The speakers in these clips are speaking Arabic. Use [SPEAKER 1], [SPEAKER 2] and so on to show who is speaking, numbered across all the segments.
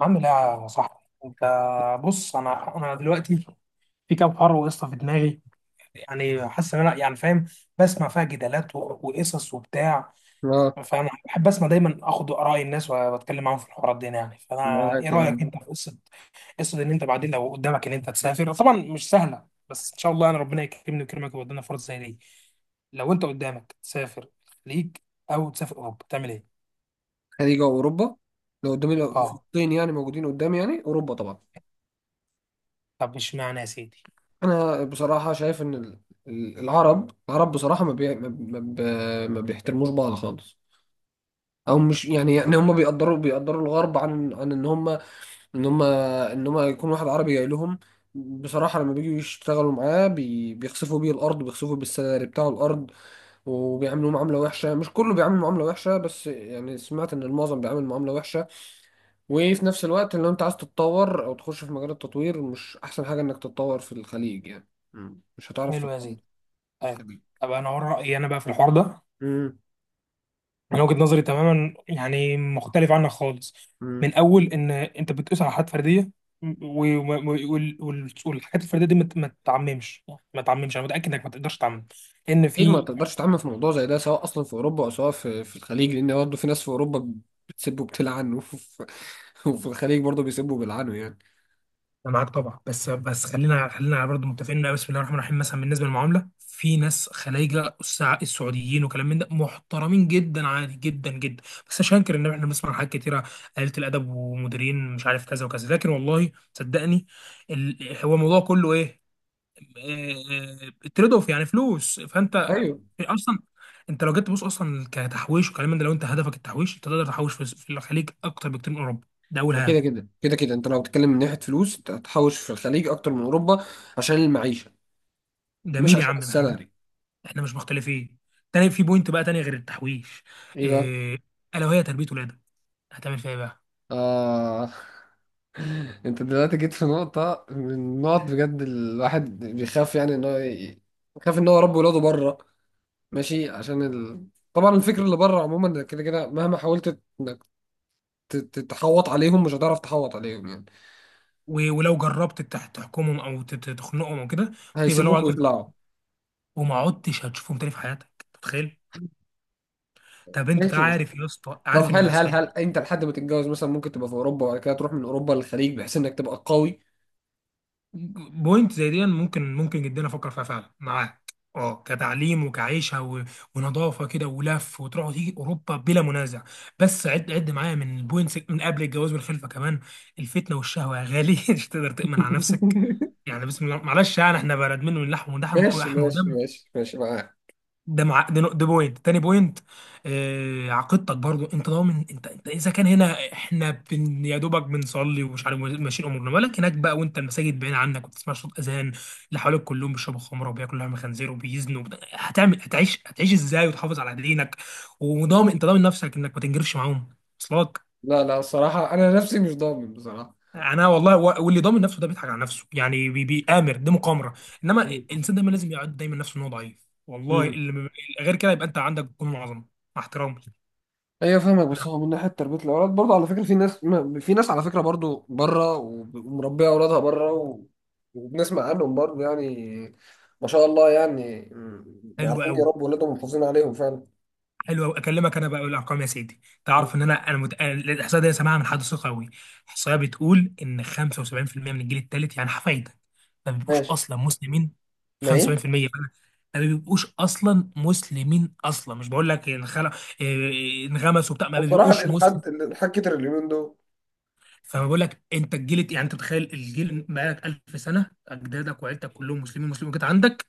[SPEAKER 1] عامل ايه يا صاحبي انت؟ بص، انا دلوقتي في كام حوار قصه في دماغي. يعني حاسس ان انا يعني فاهم. بسمع فيها جدالات وقصص وبتاع.
[SPEAKER 2] اه،
[SPEAKER 1] فانا بحب اسمع دايما اخد اراء الناس واتكلم معاهم في الحوارات دي يعني. فانا ايه
[SPEAKER 2] معاك
[SPEAKER 1] رايك
[SPEAKER 2] يعني.
[SPEAKER 1] انت في قصه، قصه ان انت بعدين لو قدامك ان انت تسافر؟ طبعا مش سهله بس ان شاء الله انا ربنا يكرمني ويكرمك ويودينا فرص زي دي. لو انت قدامك تسافر الخليج او تسافر اوروبا تعمل ايه؟
[SPEAKER 2] خليج اوروبا؟ لو قدامي، لو في
[SPEAKER 1] اه.
[SPEAKER 2] الطين يعني موجودين قدامي، يعني اوروبا طبعا.
[SPEAKER 1] طب اشمعنى يا سيدي؟
[SPEAKER 2] انا بصراحه شايف ان العرب بصراحه ما بي... ما ما ب... ما بيحترموش بعض خالص، او مش يعني هم بيقدروا الغرب عن ان هم، يكون واحد عربي جاي لهم بصراحه. لما بيجوا يشتغلوا معاه بيخسفوا بيه الارض، بيخسفوا بالسالري بتاع الارض، وبيعاملوه معامله وحشه. مش كله بيعامل معامله وحشه، بس يعني سمعت ان المعظم بيعامل معامله وحشه. وفي نفس الوقت لو انت عايز تتطور او تخش في مجال التطوير، مش احسن حاجة انك تتطور في الخليج يعني. مش هتعرف
[SPEAKER 1] حلو يا
[SPEAKER 2] تتطور
[SPEAKER 1] سيدي.
[SPEAKER 2] في
[SPEAKER 1] أيوة.
[SPEAKER 2] الخليج.
[SPEAKER 1] طب انا اقول رايي انا بقى في الحوار ده.
[SPEAKER 2] امم
[SPEAKER 1] من وجهه نظري تماما يعني مختلف عنك خالص.
[SPEAKER 2] امم
[SPEAKER 1] من اول ان انت بتقيس على حاجات فرديه، والحاجات الفرديه دي ما تعممش. انا متاكد انك ما تقدرش تعمم ان
[SPEAKER 2] اكيد ما
[SPEAKER 1] في...
[SPEAKER 2] تقدرش تعمم في موضوع زي ده، سواء اصلا في اوروبا او سواء في الخليج، لان برضه في ناس في اوروبا بتسب وبتلعن وفي الخليج برضه بيسبوا وبيلعنوا يعني.
[SPEAKER 1] انا معاك طبعا. بس خلينا برضه متفقين، إن بسم الله الرحمن الرحيم مثلا بالنسبه للمعامله، في ناس خلايجه السعوديين وكلام من ده محترمين جدا، عادي جدا جدا. بس مش هنكر ان احنا بنسمع حاجات كتيره، قليله الادب ومديرين مش عارف كذا وكذا. لكن والله صدقني، هو الموضوع كله ايه؟ تريد اوف، يعني فلوس. فانت
[SPEAKER 2] ايوه.
[SPEAKER 1] اصلا، انت لو جيت تبص اصلا كتحويش وكلام من ده، لو انت هدفك التحويش انت تقدر تحوش في الخليج اكتر بكتير من اوروبا. ده اول
[SPEAKER 2] كده
[SPEAKER 1] هام.
[SPEAKER 2] كده كده كده انت لو بتتكلم من ناحية فلوس انت هتحوش في الخليج اكتر من اوروبا عشان المعيشة، مش
[SPEAKER 1] جميل يا
[SPEAKER 2] عشان
[SPEAKER 1] عم،
[SPEAKER 2] السالري.
[SPEAKER 1] احنا مش مختلفين. تاني في بوينت بقى تانية غير التحويش،
[SPEAKER 2] ايه
[SPEAKER 1] إيه؟ الا وهي تربية ولادك، هتعمل فيها ايه بقى؟
[SPEAKER 2] بقى، انت دلوقتي جيت في نقطة من النقط بجد الواحد بيخاف يعني بيخاف ان هو يربي ولاده بره ماشي. طبعا الفكر اللي بره عموما كده كده، مهما حاولت انك تحوط عليهم مش هتعرف تحوط عليهم، يعني
[SPEAKER 1] ولو جربت تحكمهم او تخنقهم او كده تبقى لو...
[SPEAKER 2] هيسيبوك ويطلعوا.
[SPEAKER 1] وما عدتش هتشوفهم تاني في حياتك، أنت متخيل؟ طب انت
[SPEAKER 2] ماشي، بس
[SPEAKER 1] عارف يا اسطى،
[SPEAKER 2] طب
[SPEAKER 1] عارف ان اللي
[SPEAKER 2] هل هل
[SPEAKER 1] هيحصل.
[SPEAKER 2] هل انت لحد ما تتجوز مثلا ممكن تبقى في اوروبا وبعد كده تروح من اوروبا للخليج بحيث انك تبقى قوي؟
[SPEAKER 1] بوينت زي دي ممكن، ممكن جدا افكر فيها فعلا، معاك. اه، كتعليم وكعيشه و... ونظافه كده ولف وتروح وتيجي، اوروبا بلا منازع. بس عد، عد معايا من البوينتس، من قبل الجواز والخلفه كمان. الفتنه والشهوه يا غالي مش تقدر تامن على نفسك. يعني بسم الله، معلش، يعني احنا بلد منه، من اللحم ودحم
[SPEAKER 2] ماشي
[SPEAKER 1] ولحم
[SPEAKER 2] ماشي
[SPEAKER 1] ودم.
[SPEAKER 2] ماشي ماشي، معاك.
[SPEAKER 1] ده مع ده، ده بوينت، تاني بوينت. آه، عقيدتك برضو، انت ضامن؟ انت اذا كان هنا احنا بن، يا دوبك بنصلي ومش عارف ماشيين امورنا، مالك هناك بقى وانت المساجد بعيد عنك وتسمع صوت اذان؟ اللي حواليك كلهم بيشربوا خمره وبياكلوا لحم خنزير وبيزنوا، هتعيش ازاي وتحافظ على دينك؟ وضامن، انت ضامن نفسك انك ما تنجرفش معاهم؟ وصلك؟
[SPEAKER 2] لا لا، الصراحة انا نفسي مش ضامن بصراحة.
[SPEAKER 1] انا والله، واللي ضامن نفسه ده بيضحك على نفسه يعني. بيآمر، دي مقامره. انما الانسان دايما لازم يعد دايما نفسه ان هو ضعيف. والله اللي غير كده يبقى انت عندك جنون عظمه، مع احترامي.
[SPEAKER 2] ايوه فاهمك، بس هو من ناحيه تربيه الاولاد برضه على فكره في ناس في ناس على فكره برضه بره ومربيه اولادها بره، وبنسمع عنهم برضه يعني. ما شاء الله يعني،
[SPEAKER 1] حلو
[SPEAKER 2] عارفين
[SPEAKER 1] قوي،
[SPEAKER 2] يربوا اولادهم ومحافظين عليهم فعلا.
[SPEAKER 1] حلو قوي. اكلمك انا بقى بالارقام يا سيدي.
[SPEAKER 2] م.
[SPEAKER 1] تعرف ان انا، أنا الاحصائيه دي سامعها من حد ثقه قوي. الاحصائيه بتقول ان 75% من الجيل الثالث، يعني حفايده، ما بيبقوش
[SPEAKER 2] ماشي،
[SPEAKER 1] اصلا مسلمين.
[SPEAKER 2] ما ايه.
[SPEAKER 1] 75%، ما بيبقوش اصلا مسلمين اصلا. مش بقول لك إيه، انغمسوا بتاع، ما
[SPEAKER 2] بصراحه
[SPEAKER 1] بيبقوش مسلمين.
[SPEAKER 2] الالحاد، الالحاد كتر اليومين دول.
[SPEAKER 1] فما بقول لك انت الجيل يعني، انت تخيل الجيل بقالك 1000 سنه اجدادك وعيلتك كلهم مسلمين، مسلمين كده عندك.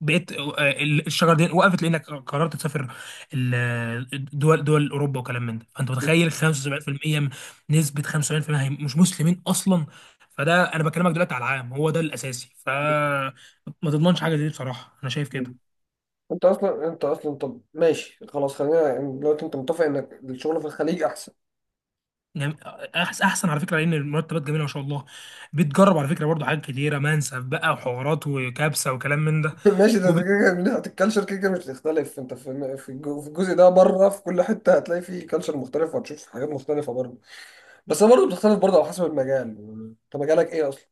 [SPEAKER 1] بقيت آه، الشجره دي وقفت لانك قررت تسافر دول، دول اوروبا وكلام من ده. فانت متخيل نسبه 75% هي مش مسلمين اصلا. فده انا بكلمك دلوقتي على العام، هو ده الاساسي. فما تضمنش حاجه زي دي بصراحه، انا شايف
[SPEAKER 2] مم.
[SPEAKER 1] كده.
[SPEAKER 2] انت اصلا، انت اصلا، طب ماشي خلاص، خلينا يعني دلوقتي انت متفق انك الشغل في الخليج احسن.
[SPEAKER 1] يعني احسن على فكره لان المرتبات جميله ما شاء الله. بتجرب على فكره برضه حاجات كتيره، منسف بقى وحوارات وكبسه وكلام من ده.
[SPEAKER 2] ماشي، ده كده كده من ناحية الكالتشر، كده كده مش هتختلف انت في في الجزء ده بره، في كل حتة هتلاقي فيه كالتشر مختلف، وهتشوف حاجات مختلفة برضه. بس هي برضه بتختلف برضه على حسب المجال. انت مجالك ايه اصلا؟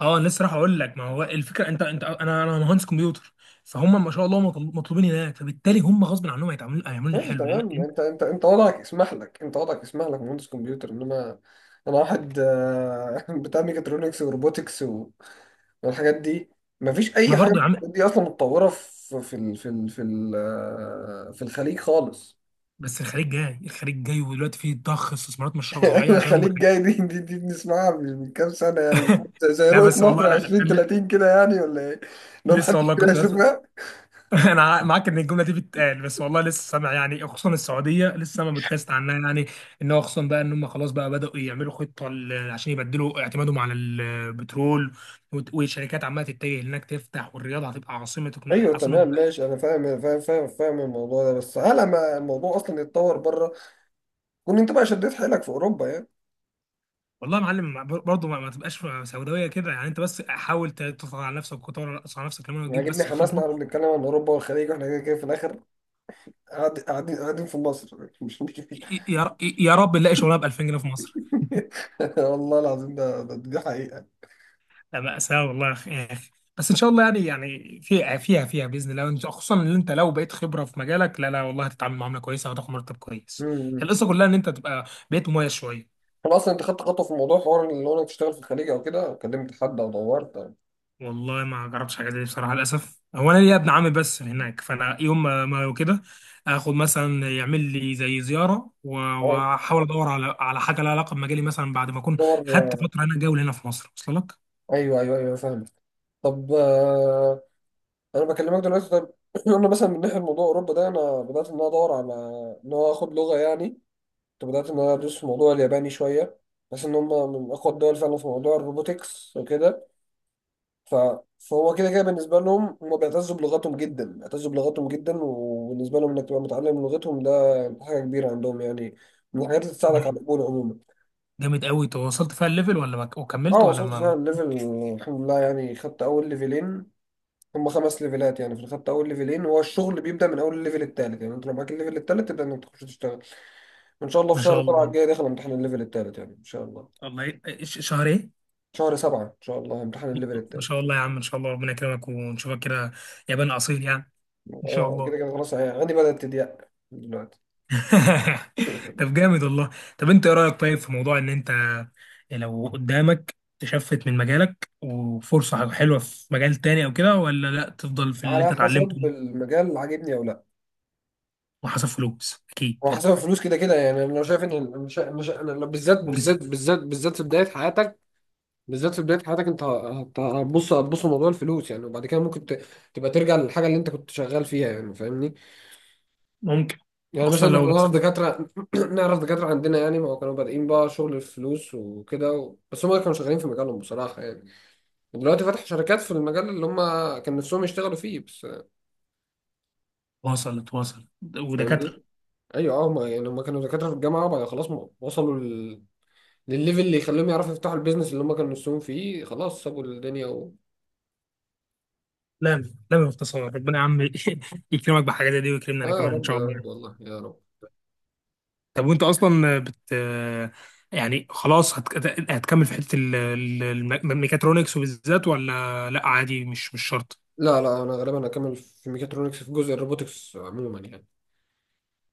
[SPEAKER 1] اه، لسه راح اقول لك. ما هو الفكره، انت انا مهندس كمبيوتر. فهم ما شاء الله مطلوبين هناك، فبالتالي هم غصب عنهم هيتعاملوا، هيعملوا لي
[SPEAKER 2] ماشي
[SPEAKER 1] حلو
[SPEAKER 2] تمام.
[SPEAKER 1] لان...
[SPEAKER 2] انت وضعك يسمح لك، انت وضعك يسمح لك مهندس كمبيوتر، انما انا واحد بتاع ميكاترونكس وروبوتكس والحاجات دي، مفيش اي
[SPEAKER 1] ما
[SPEAKER 2] حاجة
[SPEAKER 1] برضه
[SPEAKER 2] من
[SPEAKER 1] يا عم.
[SPEAKER 2] الحاجات دي اصلا متطورة في في ال- في ال- في ال- آه، في الخليج خالص.
[SPEAKER 1] بس الخليج جاي، الخليج جاي، ودلوقتي فيه ضخ استثمارات مش طبيعيه
[SPEAKER 2] ايوه،
[SPEAKER 1] عشان هم
[SPEAKER 2] خليك
[SPEAKER 1] خليج.
[SPEAKER 2] جاي. دي بنسمعها مش من كام سنه يعني، زي زي
[SPEAKER 1] لا
[SPEAKER 2] رؤيه
[SPEAKER 1] بس
[SPEAKER 2] مصر
[SPEAKER 1] والله، لا
[SPEAKER 2] 20
[SPEAKER 1] ل-
[SPEAKER 2] 30 كده يعني، ولا ايه؟ لو
[SPEAKER 1] لسه
[SPEAKER 2] محدش
[SPEAKER 1] والله
[SPEAKER 2] كده
[SPEAKER 1] كنت بس.
[SPEAKER 2] يشوفها.
[SPEAKER 1] انا معاك ان الجمله دي بتتقال، بس والله لسه سامع يعني. خصوصا السعوديه لسه سامع بودكاست عنها يعني. ان هو خصوصا بقى، ان هم خلاص بقى بداوا يعملوا خطه عشان يبدلوا اعتمادهم على البترول. والشركات عماله تتجه هناك تفتح، والرياض هتبقى عاصمه
[SPEAKER 2] ايوه
[SPEAKER 1] عاصمه.
[SPEAKER 2] تمام ماشي، انا فاهم الموضوع ده، بس على ما الموضوع اصلا يتطور بره، كون انت بقى شديت حيلك في اوروبا يعني.
[SPEAKER 1] والله يا معلم، برضه ما تبقاش سوداويه كده يعني. انت بس حاول تضغط على نفسك وتطور على نفسك كمان وتجيب
[SPEAKER 2] عاجبني
[SPEAKER 1] بس
[SPEAKER 2] حماسنا
[SPEAKER 1] الخبره.
[SPEAKER 2] واحنا بنتكلم عن اوروبا والخليج، واحنا كده كده في الاخر قاعدين في مصر مش مش مش
[SPEAKER 1] يا رب نلاقي شغلانه ب 2000 جنيه في مصر.
[SPEAKER 2] والله العظيم، دي حقيقه.
[SPEAKER 1] لا، مأساة والله يا أخي، يا أخي. بس إن شاء الله يعني. في فيها بإذن الله. خصوصا إن أنت لو بقيت خبرة في مجالك، لا لا والله، هتتعامل معاملة كويسة وهتاخد مرتب كويس.
[SPEAKER 2] امم.
[SPEAKER 1] القصة كلها إن أنت بقيت مميز شوية.
[SPEAKER 2] طب اصلا انت خدت خطوه في موضوع حوار اللي هو انك تشتغل في الخليج او كده، كلمت حد او دورت أو-
[SPEAKER 1] والله ما جربتش حاجة زي دي بصراحة، للأسف. هو أنا ليا ابن عمي بس هناك، فأنا يوم ما كده آخد مثلا، يعمل لي زي زيارة،
[SPEAKER 2] أه.
[SPEAKER 1] وأحاول أدور على حاجة لها علاقة بمجالي مثلا، بعد ما أكون
[SPEAKER 2] دور.
[SPEAKER 1] خدت فترة هنا، جولة هنا في مصر. وصل لك؟
[SPEAKER 2] ايوه ايوه ايوه فاهمك. طب انا بكلمك دلوقتي، طب قلنا مثلا من ناحيه موضوع اوروبا ده، انا بدات ان انا ادور على ان هو اخد لغه يعني. كنت بدات ان انا ادرس في موضوع الياباني شويه، بس ان هم من اقوى الدول فعلا في موضوع الروبوتكس وكده. ف... فهو كده كده بالنسبه لهم، هم بيعتزوا بلغتهم جدا، بيعتزوا بلغتهم جدا، وبالنسبه لهم انك تبقى متعلم لغتهم ده حاجه كبيره عندهم يعني، من الحاجات اللي تساعدك على
[SPEAKER 1] جامد.
[SPEAKER 2] القبول عموما.
[SPEAKER 1] جامد قوي. تواصلت فيها الليفل ولا ما،
[SPEAKER 2] اه
[SPEAKER 1] وكملت ولا
[SPEAKER 2] وصلت
[SPEAKER 1] ما؟
[SPEAKER 2] فعلا ليفل، الحمد لله يعني، خدت اول ليفلين. هم خمس ليفلات يعني، في الخدت اول ليفلين، هو الشغل بيبدأ من اول الليفل التالت يعني. انت لو معاك الليفل التالت تبدأ انك تخش تشتغل، وان شاء الله في
[SPEAKER 1] ما شاء
[SPEAKER 2] شهر سبعة
[SPEAKER 1] الله.
[SPEAKER 2] الجاي داخل امتحان الليفل التالت يعني، ان شاء الله.
[SPEAKER 1] والله شهر ايه؟
[SPEAKER 2] شهر سبعة ان شاء الله امتحان الليفل
[SPEAKER 1] ما
[SPEAKER 2] التالت.
[SPEAKER 1] شاء الله يا عم. ان شاء الله ربنا يكرمك ونشوفك كده، يابان اصيل يعني. ان شاء
[SPEAKER 2] اه كده
[SPEAKER 1] الله.
[SPEAKER 2] كده خلاص يعني عندي بدأت تضيق دلوقتي.
[SPEAKER 1] طب جامد والله. طب انت ايه رايك طيب في موضوع ان انت لو قدامك تشفت من مجالك وفرصه حلوه في مجال تاني او كده، ولا لا تفضل في اللي
[SPEAKER 2] على
[SPEAKER 1] انت
[SPEAKER 2] حسب
[SPEAKER 1] اتعلمته؟
[SPEAKER 2] المجال اللي عاجبني او لا.
[SPEAKER 1] وحسب فلوس اكيد
[SPEAKER 2] هو
[SPEAKER 1] برضه.
[SPEAKER 2] حسب الفلوس كده كده يعني، انا لو شايف ان أنا لو بالذات
[SPEAKER 1] مجزي.
[SPEAKER 2] بالذات بالذات بالذات في بدايه حياتك، بالذات في بدايه حياتك، انت هتبص، هتبص لموضوع الفلوس يعني، وبعد كده ممكن تبقى ترجع للحاجه اللي انت كنت شغال فيها يعني، فاهمني؟
[SPEAKER 1] ممكن.
[SPEAKER 2] يعني
[SPEAKER 1] خصوصا
[SPEAKER 2] مثلا
[SPEAKER 1] لو
[SPEAKER 2] احنا نعرف
[SPEAKER 1] مثلا...
[SPEAKER 2] دكاترة نعرف دكاترة عندنا يعني، ما هو كانوا بادئين بقى شغل الفلوس وكده بس هم كانوا شغالين في مجالهم بصراحة يعني. دلوقتي فتحوا شركات في المجال اللي هم كان نفسهم يشتغلوا فيه بس.
[SPEAKER 1] واصل، واصل.
[SPEAKER 2] فاهمني؟
[SPEAKER 1] ودكاتره...
[SPEAKER 2] ايوه اه، هم يعني هم كانوا دكاترة في الجامعة، وبعد خلاص وصلوا للليفل اللي يخليهم يعرفوا يفتحوا البيزنس اللي هم كانوا نفسهم فيه، خلاص سابوا الدنيا و...
[SPEAKER 1] لا لا، باختصار ربنا يا عم يكرمك بحاجه زي دي ويكرمنا انا
[SPEAKER 2] اه يا
[SPEAKER 1] كمان ان
[SPEAKER 2] رب
[SPEAKER 1] شاء
[SPEAKER 2] يا
[SPEAKER 1] الله.
[SPEAKER 2] رب، والله يا رب.
[SPEAKER 1] طب وانت اصلا بت... يعني خلاص هتكمل في حته الميكاترونكس وبالذات، ولا لا عادي، مش شرط؟
[SPEAKER 2] لا لا، انا غالبا هكمل في ميكاترونكس في جزء الروبوتكس عموما يعني.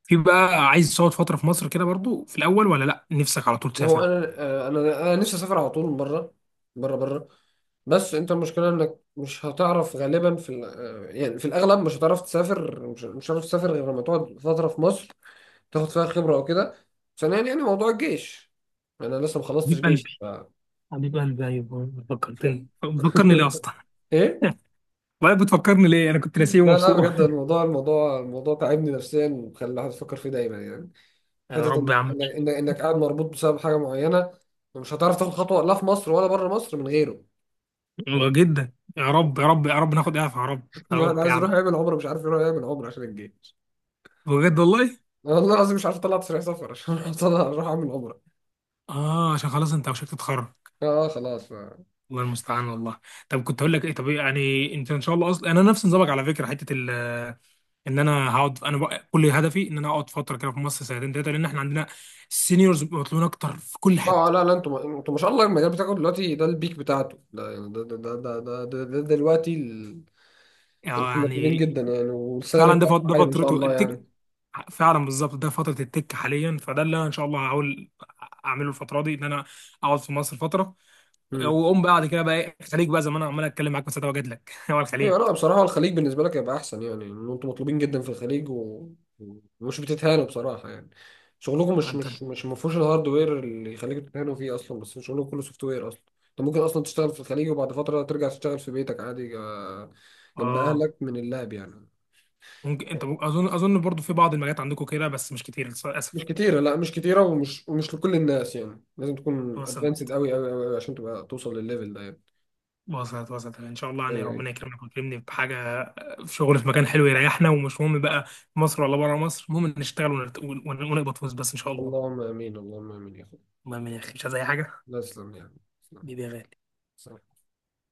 [SPEAKER 1] في بقى عايز تقعد فتره في مصر كده برضو في الاول، ولا لا نفسك على طول
[SPEAKER 2] ما هو
[SPEAKER 1] تسافر؟
[SPEAKER 2] انا انا نفسي اسافر على طول بره بره بره، بس انت المشكله انك مش هتعرف غالبا في ال- آه، يعني في الاغلب مش هتعرف تسافر، مش هتعرف تسافر غير لما تقعد فتره في مصر تاخد فيها خبره او كده. ثانيا يعني موضوع الجيش، انا لسه ما خلصتش
[SPEAKER 1] حبيب
[SPEAKER 2] جيش
[SPEAKER 1] قلبي، حبيب قلبي. ايوه
[SPEAKER 2] ف...
[SPEAKER 1] فكرتني. فكرني ليه اصلا؟
[SPEAKER 2] ايه.
[SPEAKER 1] والله بتفكرني ليه؟ انا كنت ناسيه
[SPEAKER 2] لا لا
[SPEAKER 1] ومبسوط.
[SPEAKER 2] بجد، الموضوع تعبني نفسيا وخلى الواحد يفكر فيه دايما يعني. حته
[SPEAKER 1] يا رب يا عم.
[SPEAKER 2] إنك قاعد مربوط بسبب حاجه معينه، ومش هتعرف تاخد خطوه لا في مصر ولا بره مصر من غيره.
[SPEAKER 1] والله جدا، يا رب يا رب يا رب ناخد اعفاء، يا رب يا
[SPEAKER 2] الواحد
[SPEAKER 1] رب
[SPEAKER 2] عايز
[SPEAKER 1] يعني.
[SPEAKER 2] يروح يعمل عمره مش عارف يروح يعمل عمره عشان الجيش.
[SPEAKER 1] بجد والله.
[SPEAKER 2] والله العظيم مش عارف اطلع تصريح سفر عشان أروح اعمل عمره.
[SPEAKER 1] اه عشان خلاص انت وشك تتخرج.
[SPEAKER 2] اه خلاص، ف...
[SPEAKER 1] الله المستعان والله. طب كنت هقول لك ايه؟ طب إيه يعني؟ انت ان شاء الله، اصلا انا نفس نظامك على فكره، حته ال... ان انا هقعد، انا بقى كل هدفي ان انا اقعد فتره كده في مصر، سنتين ثلاثه، لان احنا عندنا السينيورز مطلوبين اكتر في كل
[SPEAKER 2] اه
[SPEAKER 1] حته.
[SPEAKER 2] لا لا، انتوا انتوا ما شاء الله، المجال بتاعكم دلوقتي ده البيك بتاعته، ده يعني ده دلوقتي ال... انتوا مطلوبين
[SPEAKER 1] يعني
[SPEAKER 2] جدا يعني، والسالري
[SPEAKER 1] فعلا،
[SPEAKER 2] بتاعكم
[SPEAKER 1] ده
[SPEAKER 2] عالي ما شاء
[SPEAKER 1] فترته
[SPEAKER 2] الله
[SPEAKER 1] التك،
[SPEAKER 2] يعني.
[SPEAKER 1] فعلا بالظبط. ده فتره التك حاليا. فده اللي انا ان شاء الله هحاول اعمله الفتره دي، ان انا اقعد في مصر فتره،
[SPEAKER 2] مم.
[SPEAKER 1] واقوم بعد كده بقى ايه؟ الخليج بقى، زي ما انا عمال اتكلم معاك، بس ده واجد لك هو
[SPEAKER 2] ايوه،
[SPEAKER 1] الخليج.
[SPEAKER 2] لا بصراحة الخليج بالنسبة لك هيبقى أحسن يعني، إن أنتوا مطلوبين جدا في الخليج ومش بتتهانوا بصراحة يعني. شغلكم مش
[SPEAKER 1] انت
[SPEAKER 2] مش مش ما فيهوش الهاردوير اللي يخليكوا تتهانوا فيه أصلا، بس شغلكم كله سوفت وير أصلا. أنت ممكن أصلا تشتغل في الخليج وبعد فترة ترجع تشتغل في بيتك عادي جنب
[SPEAKER 1] اه،
[SPEAKER 2] أهلك من اللاب يعني.
[SPEAKER 1] ممكن انت اظن برضو في بعض المجالات عندكم كده، بس مش كتير
[SPEAKER 2] مش
[SPEAKER 1] للاسف.
[SPEAKER 2] كتيرة، لا مش كتيرة، ومش لكل الناس يعني، لازم تكون أدفانسد
[SPEAKER 1] وصلت،
[SPEAKER 2] أوي أوي أوي أوي عشان تبقى توصل للليفل ده يعني.
[SPEAKER 1] وصلت، وصلت. ان شاء الله
[SPEAKER 2] أيوه
[SPEAKER 1] يعني،
[SPEAKER 2] أيوه.
[SPEAKER 1] ربنا يكرمك ويكرمني بحاجه، في شغل في مكان حلو يريحنا. ومش مهم بقى في مصر ولا بره مصر، المهم إن نشتغل ونقبض فلوس بس ان شاء الله.
[SPEAKER 2] اللهم آمين، اللهم آمين يا أخويا.
[SPEAKER 1] المهم يا اخي مش عايز اي حاجه.
[SPEAKER 2] لا تسلم يعني.
[SPEAKER 1] بيبي يا غالي.
[SPEAKER 2] تسلم.